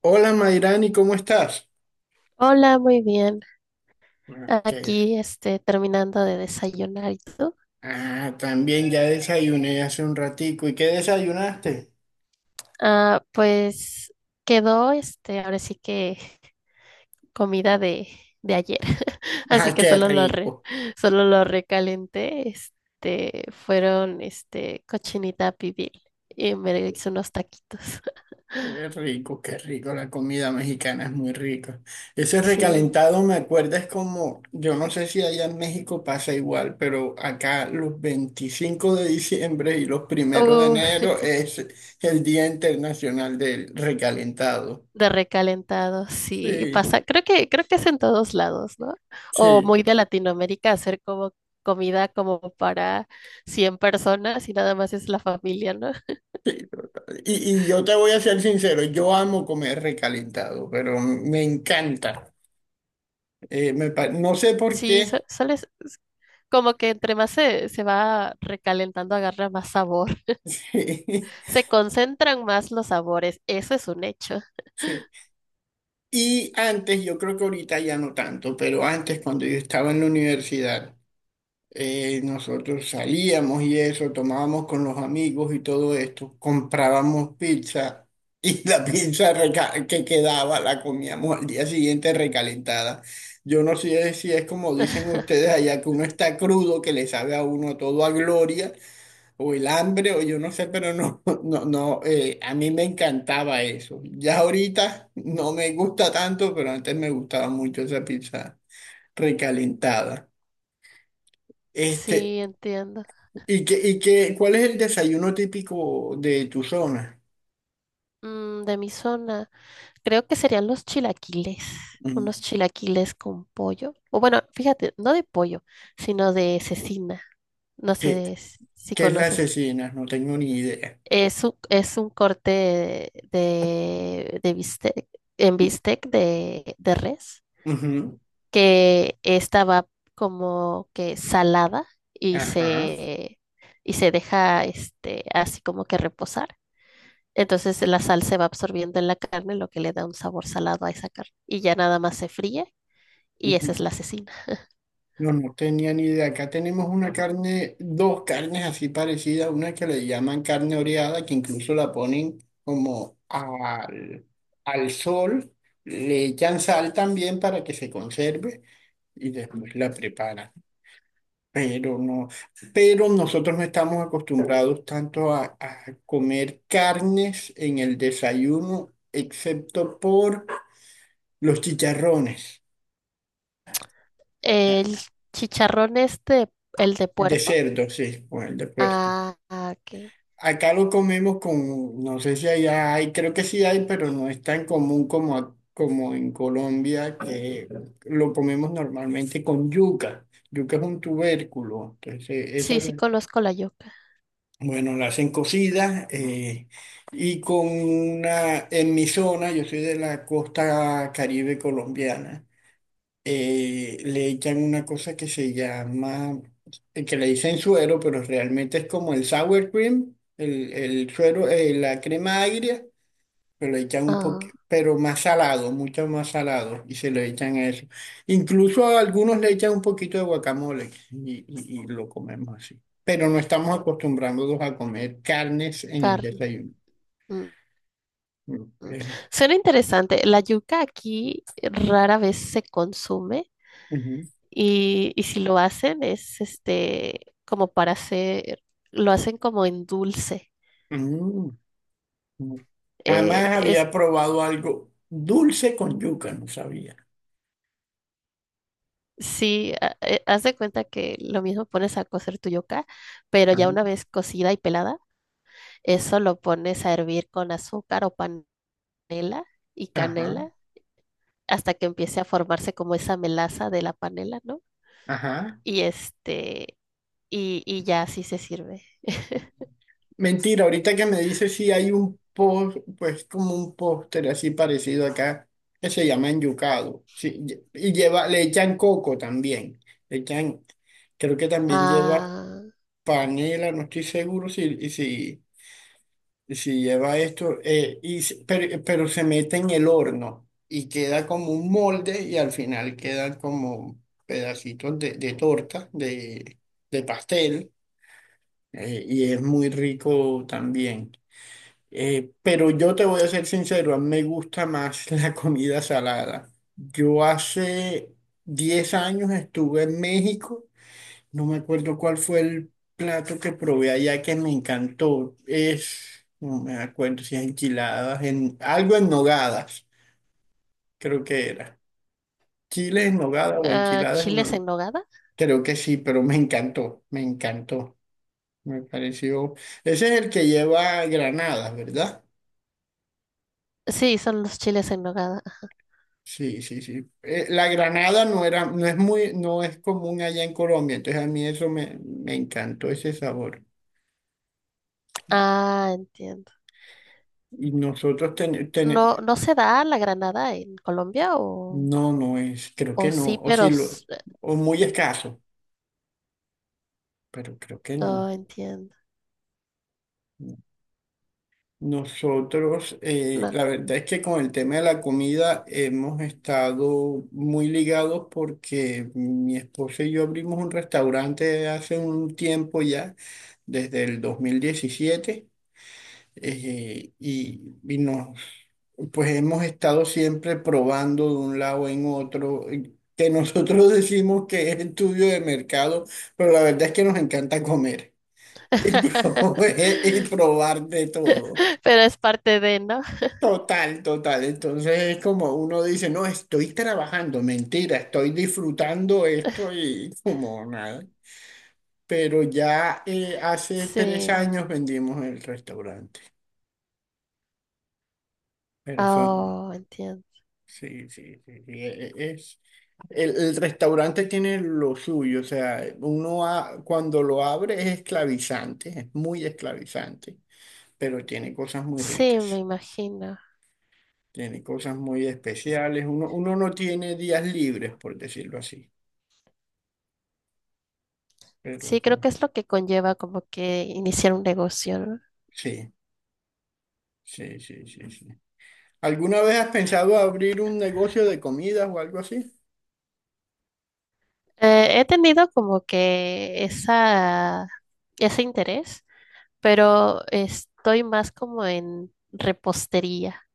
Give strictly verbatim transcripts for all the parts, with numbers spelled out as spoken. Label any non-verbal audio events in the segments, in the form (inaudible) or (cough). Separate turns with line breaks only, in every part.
Hola Mayrani, ¿cómo estás?
Hola, muy bien.
Ah, ¿qué?
Aquí, este, terminando de desayunar. ¿Y tú?
Ah, también ya desayuné hace un ratico. ¿Y qué desayunaste? (laughs)
Ah, pues quedó, este, ahora sí que comida de, de ayer. (laughs) Así
Ah,
que
qué
solo lo re,
rico.
solo lo recalenté. Este, fueron, este, cochinita pibil y me hice unos taquitos. (laughs)
Qué rico, qué rico. La comida mexicana es muy rica. Ese
Sí.
recalentado me acuerda es como, yo no sé si allá en México pasa igual, pero acá los veinticinco de diciembre y los primeros de enero es el Día Internacional del Recalentado.
De recalentado, sí,
Sí,
pasa, creo que, creo que es en todos lados, ¿no? O
sí.
muy de Latinoamérica, hacer como comida como para cien personas y nada más es la familia, ¿no?
Sí. Y, y yo te voy a ser sincero, yo amo comer recalentado, pero me encanta. Eh, me pa- no sé por
Sí, su-
qué.
suele, s- s- como que entre más se, se va recalentando, agarra más sabor,
(laughs)
se concentran más los sabores. Eso es un hecho.
Sí. Y antes, yo creo que ahorita ya no tanto, pero antes cuando yo estaba en la universidad, eh, nosotros salíamos y eso, tomábamos con los amigos y todo esto, comprábamos pizza y (laughs) la pizza reca- que quedaba la comíamos al día siguiente recalentada. Yo no sé si es como dicen
(laughs)
ustedes allá, que uno está crudo, que le sabe a uno todo a gloria, o el hambre, o yo no sé, pero no, (laughs) no, no, eh, a mí me encantaba eso. Ya ahorita no me gusta tanto, pero antes me gustaba mucho esa pizza recalentada. Este,
Sí, entiendo.
¿Y qué, y qué, cuál es el desayuno típico de tu zona?
Mm, de mi zona. Creo que serían los chilaquiles,
Mm.
unos chilaquiles con pollo. O bueno, fíjate, no de pollo, sino de cecina. No
¿Qué,
sé s- si
qué es la
conoces.
cecina? No tengo ni idea.
Es un, es un corte de, de bistec, en bistec de, de res,
Ujú.
que estaba como que salada y
Ajá.
se, y se deja este, así como que reposar. Entonces la sal se va absorbiendo en la carne, lo que le da un sabor salado a esa carne. Y ya nada más se fríe. Y esa es
Ujú.
la asesina.
No, no tenía ni idea. Acá tenemos una carne, dos carnes así parecidas, una que le llaman carne oreada, que incluso la ponen como al, al sol, le echan sal también para que se conserve y después la preparan. Pero no, pero nosotros no estamos acostumbrados tanto a, a comer carnes en el desayuno, excepto por los chicharrones.
El
Ah,
chicharrón este, el de
de
puerco.
cerdo, sí, o el de puerco.
Ah, ah, ok.
Acá lo comemos con, no sé si allá hay, creo que sí hay, pero no es tan común como, a- como en Colombia, que lo comemos normalmente con yuca. Yuca es un tubérculo, entonces esa,
Sí, sí conozco la yuca.
bueno, la hacen cocida, eh, y con una, en mi zona, yo soy de la costa Caribe colombiana, eh, le echan una cosa que se llama, eh, que le dicen suero, pero realmente es como el sour cream, el, el suero, eh, la crema agria, se lo echan un poco,
Ah,
pero más salado, mucho más salado, y se lo echan a eso. Incluso a algunos le echan un poquito de guacamole y, y- y lo comemos así. Pero no estamos acostumbrándonos a comer carnes en el
carne.
desayuno.
Mm, mm.
Eh,
Suena interesante. La yuca aquí rara vez se consume
ujú.
y, y si lo hacen es este como para hacer, lo hacen como en dulce.
Mm, mm.
Eh,
Jamás
es
había probado algo dulce con yuca, no sabía.
sí, ha- eh, haz de cuenta que lo mismo pones a cocer tu yuca, pero ya
Ajá,
una vez cocida y pelada, eso lo pones a hervir con azúcar o panela y
ajá.
canela hasta que empiece a formarse como esa melaza de la panela, ¿no?
Ajá.
Y este, y, y ya así se sirve.
Mentira, ahorita que me dice si hay un post, pues como un póster así parecido acá, que se llama enyucado. Sí, lle- y lleva, le echan coco también. Le echan, creo que también lleva
Ah,
panela, no estoy seguro si, y si, y si lleva esto, eh, y, se- pero, pero se mete en el horno y queda como un molde y al final quedan como pedacitos de, de torta, de, de pastel, eh, y es muy rico también. Eh, pero yo te voy a ser sincero, a mí me gusta más (laughs) la comida salada. Yo hace diez años estuve en México, no me acuerdo cuál fue el plato que probé allá que me encantó. Es, no me acuerdo si es enchiladas, en, algo en nogadas, creo que era. Chile en nogada o
ah,
enchiladas,
¿chiles
no,
en nogada?
creo que sí, pero me encantó, me encantó. Me pareció, ese es el que lleva granadas, ¿verdad?
Sí, son los chiles en nogada.
Sí, sí, sí. Eh, la granada no era, no es muy, no es común allá en Colombia, entonces a mí eso me, me encantó ese sabor.
Ah, entiendo.
Y nosotros ten, ten-
¿No, no se da la granada en Colombia? O,
no, no es, creo que
o sí,
no, o
pero...
sí
s-
lo,
eh,
o muy
¿no?
escaso, pero creo que no.
Ah, entiendo.
Nosotros, eh,
No.
la verdad es que con el tema de la comida hemos estado muy ligados porque mi esposa y yo abrimos un restaurante hace un tiempo ya, desde el dos mil diecisiete. eh, y, y nos, pues hemos estado siempre probando de un lado en otro, eh, que nosotros (laughs) decimos que es estudio de mercado, pero la verdad es que nos encanta comer y, pro-
(laughs)
(laughs) y probar de todo.
Pero es parte de, ¿no?
Total, total. Entonces es como uno dice, no, estoy trabajando, mentira, estoy disfrutando esto y (laughs) como nada. Pero ya eh, hace tres
Sí.
años vendimos el restaurante, pero fue...
Oh, entiendo.
Sí, sí, sí, sí, e- e- es, el, el restaurante tiene lo suyo, o sea, uno a- cuando lo abre es esclavizante, es muy esclavizante, pero tiene cosas muy
Sí, me
ricas,
imagino.
tiene cosas muy especiales, uno, uno no tiene días libres, por decirlo así, pero
Sí, creo
no.
que es lo que conlleva como que iniciar un negocio, ¿no?
Sí, sí, sí, sí, sí. ¿Alguna vez has pensado abrir un negocio de comidas o algo así?
Eh, he tenido como que esa, ese interés, pero estoy más como en repostería,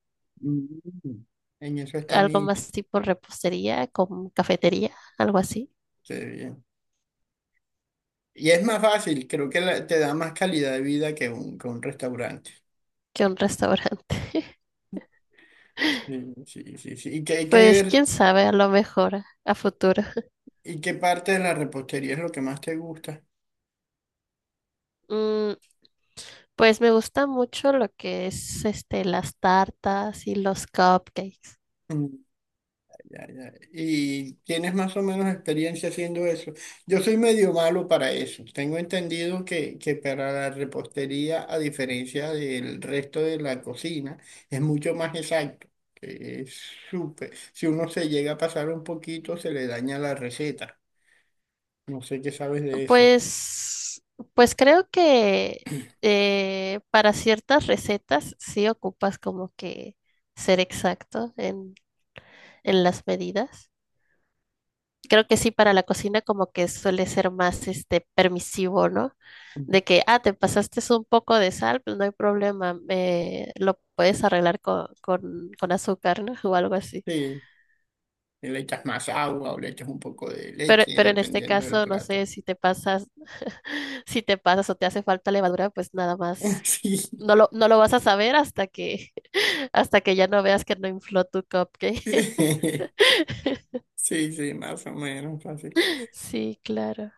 Mm. En eso está
algo
mi...
más tipo repostería, con cafetería, algo así,
Qué bien. Y es más fácil, creo que la- te da más calidad de vida que un, que un restaurante.
que un restaurante. (laughs)
Sí, sí, sí, sí. ¿Y qué, y
Pues
qué,
quién sabe, a lo mejor a futuro. (laughs)
y qué parte de la repostería es lo que más te gusta?
Mm, pues me gusta mucho lo que es este las tartas y los cupcakes.
Mm. Ya, ya. Y tienes más o menos experiencia haciendo eso. Yo soy medio malo para eso. Tengo entendido que, que para la repostería, a diferencia del resto de la cocina, es mucho más exacto. Que es súper. Si uno se llega a pasar un poquito, se le daña la receta. No sé qué sabes de eso.
Pues, pues creo que eh, para ciertas recetas sí ocupas como que ser exacto en, en las medidas. Creo que sí, para la cocina como que suele ser más este permisivo, ¿no? De que, ah, te pasaste un poco de sal, pues no hay problema, eh, lo puedes arreglar con, con, con azúcar, ¿no? (laughs) O algo así.
Sí, y le echas más agua o le echas un poco de
Pero,
leche,
pero en este
dependiendo del
caso, no
plato.
sé si te pasas, (laughs) si te pasas o te hace falta levadura, pues nada
(laughs)
más.
Sí,
No lo, no lo vas a saber hasta que, (laughs) hasta que ya no veas que no infló tu cupcake. (laughs)
(laughs) sí, sí, más o menos así.
Sí, claro.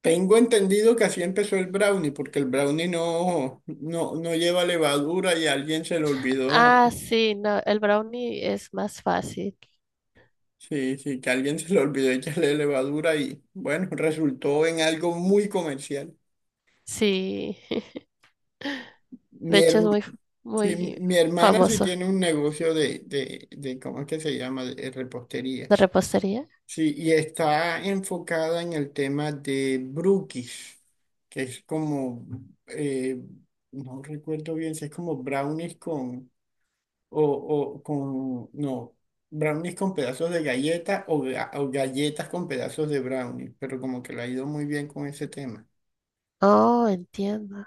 Tengo entendido que así empezó el brownie, porque el brownie no, no, no lleva levadura y a alguien se le olvidó.
Ah, sí, no, el brownie es más fácil.
Sí, sí, que a alguien se le olvidó echarle levadura y bueno, resultó en algo muy comercial.
Sí. (laughs) De
Mi,
hecho, es
herm-
muy,
sí,
muy
mi hermana sí
famoso
tiene un negocio de, de, de, ¿cómo es que se llama? De repostería.
de repostería.
Sí, y está enfocada en el tema de brookies, que es como, eh, no recuerdo bien si es como brownies con, o, o con, no, brownies con pedazos de galleta o, ga- o galletas con pedazos de brownies, pero como que le ha ido muy bien con ese tema.
Oh, entiendo.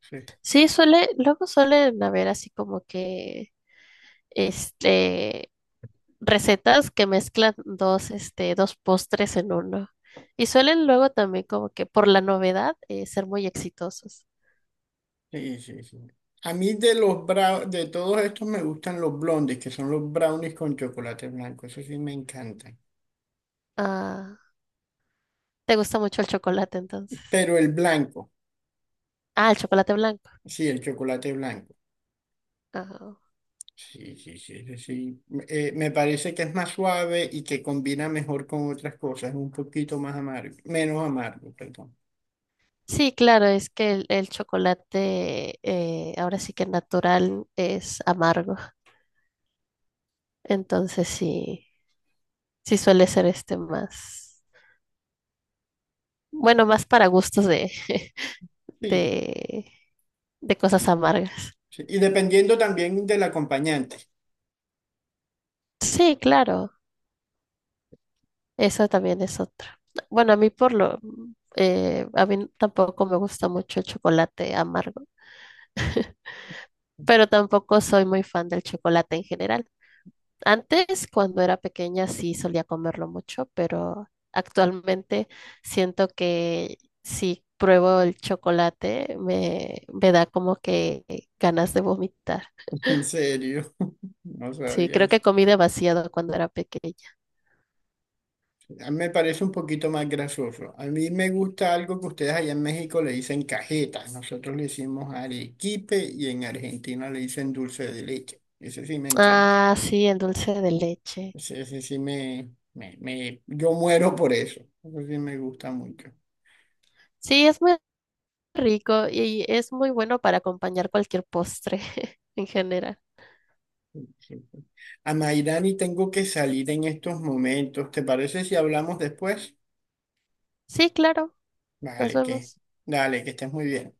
Sí,
Sí, suele, luego suelen haber así como que, este, recetas que mezclan dos, este, dos postres en uno. Y suelen luego también como que por la novedad eh, ser muy exitosos.
sí, sí. Sí. A mí de los brownies, de todos estos me gustan los blondes, que son los brownies con chocolate blanco, eso sí me encantan.
Ah, ¿te gusta mucho el chocolate entonces?
Pero el blanco,
Ah, el chocolate blanco.
sí, el chocolate blanco.
Ah,
Sí, sí, sí, sí. Sí. Eh, me parece que es más suave y que combina mejor con otras cosas, es un poquito más amargo, menos amargo, perdón.
sí, claro, es que el, el chocolate eh, ahora sí que natural es amargo. Entonces sí, sí suele ser este más, bueno, más para gustos de, (laughs)
Sí,
de, de cosas amargas.
sí. Y dependiendo también del acompañante,
Sí, claro. Esa también es otra. Bueno, a mí por lo, eh, a mí tampoco me gusta mucho el chocolate amargo, pero tampoco soy muy fan del chocolate en general. Antes, cuando era pequeña, sí solía comerlo mucho, pero actualmente siento que si pruebo el chocolate me, me da como que ganas de vomitar.
(laughs) en serio, (laughs) no
Sí,
sabía
creo que
eso.
comí demasiado cuando era pequeña.
A mí me parece un poquito más grasoso. A mí me gusta algo que ustedes allá en México le dicen cajetas, nosotros le decimos arequipe y en Argentina le dicen dulce de leche. Ese sí me encanta.
Ah, sí, el dulce de leche.
Ese, ese sí me, me, me- yo muero por eso. Eso sí me gusta mucho.
Sí, es muy rico y es muy bueno para acompañar cualquier postre (laughs) en general.
Sí, sí. Sí. A Mayrani tengo que salir en estos momentos. ¿Te parece si hablamos después?
Sí, claro, nos
Vale, que,
vemos.
dale, que estés muy bien.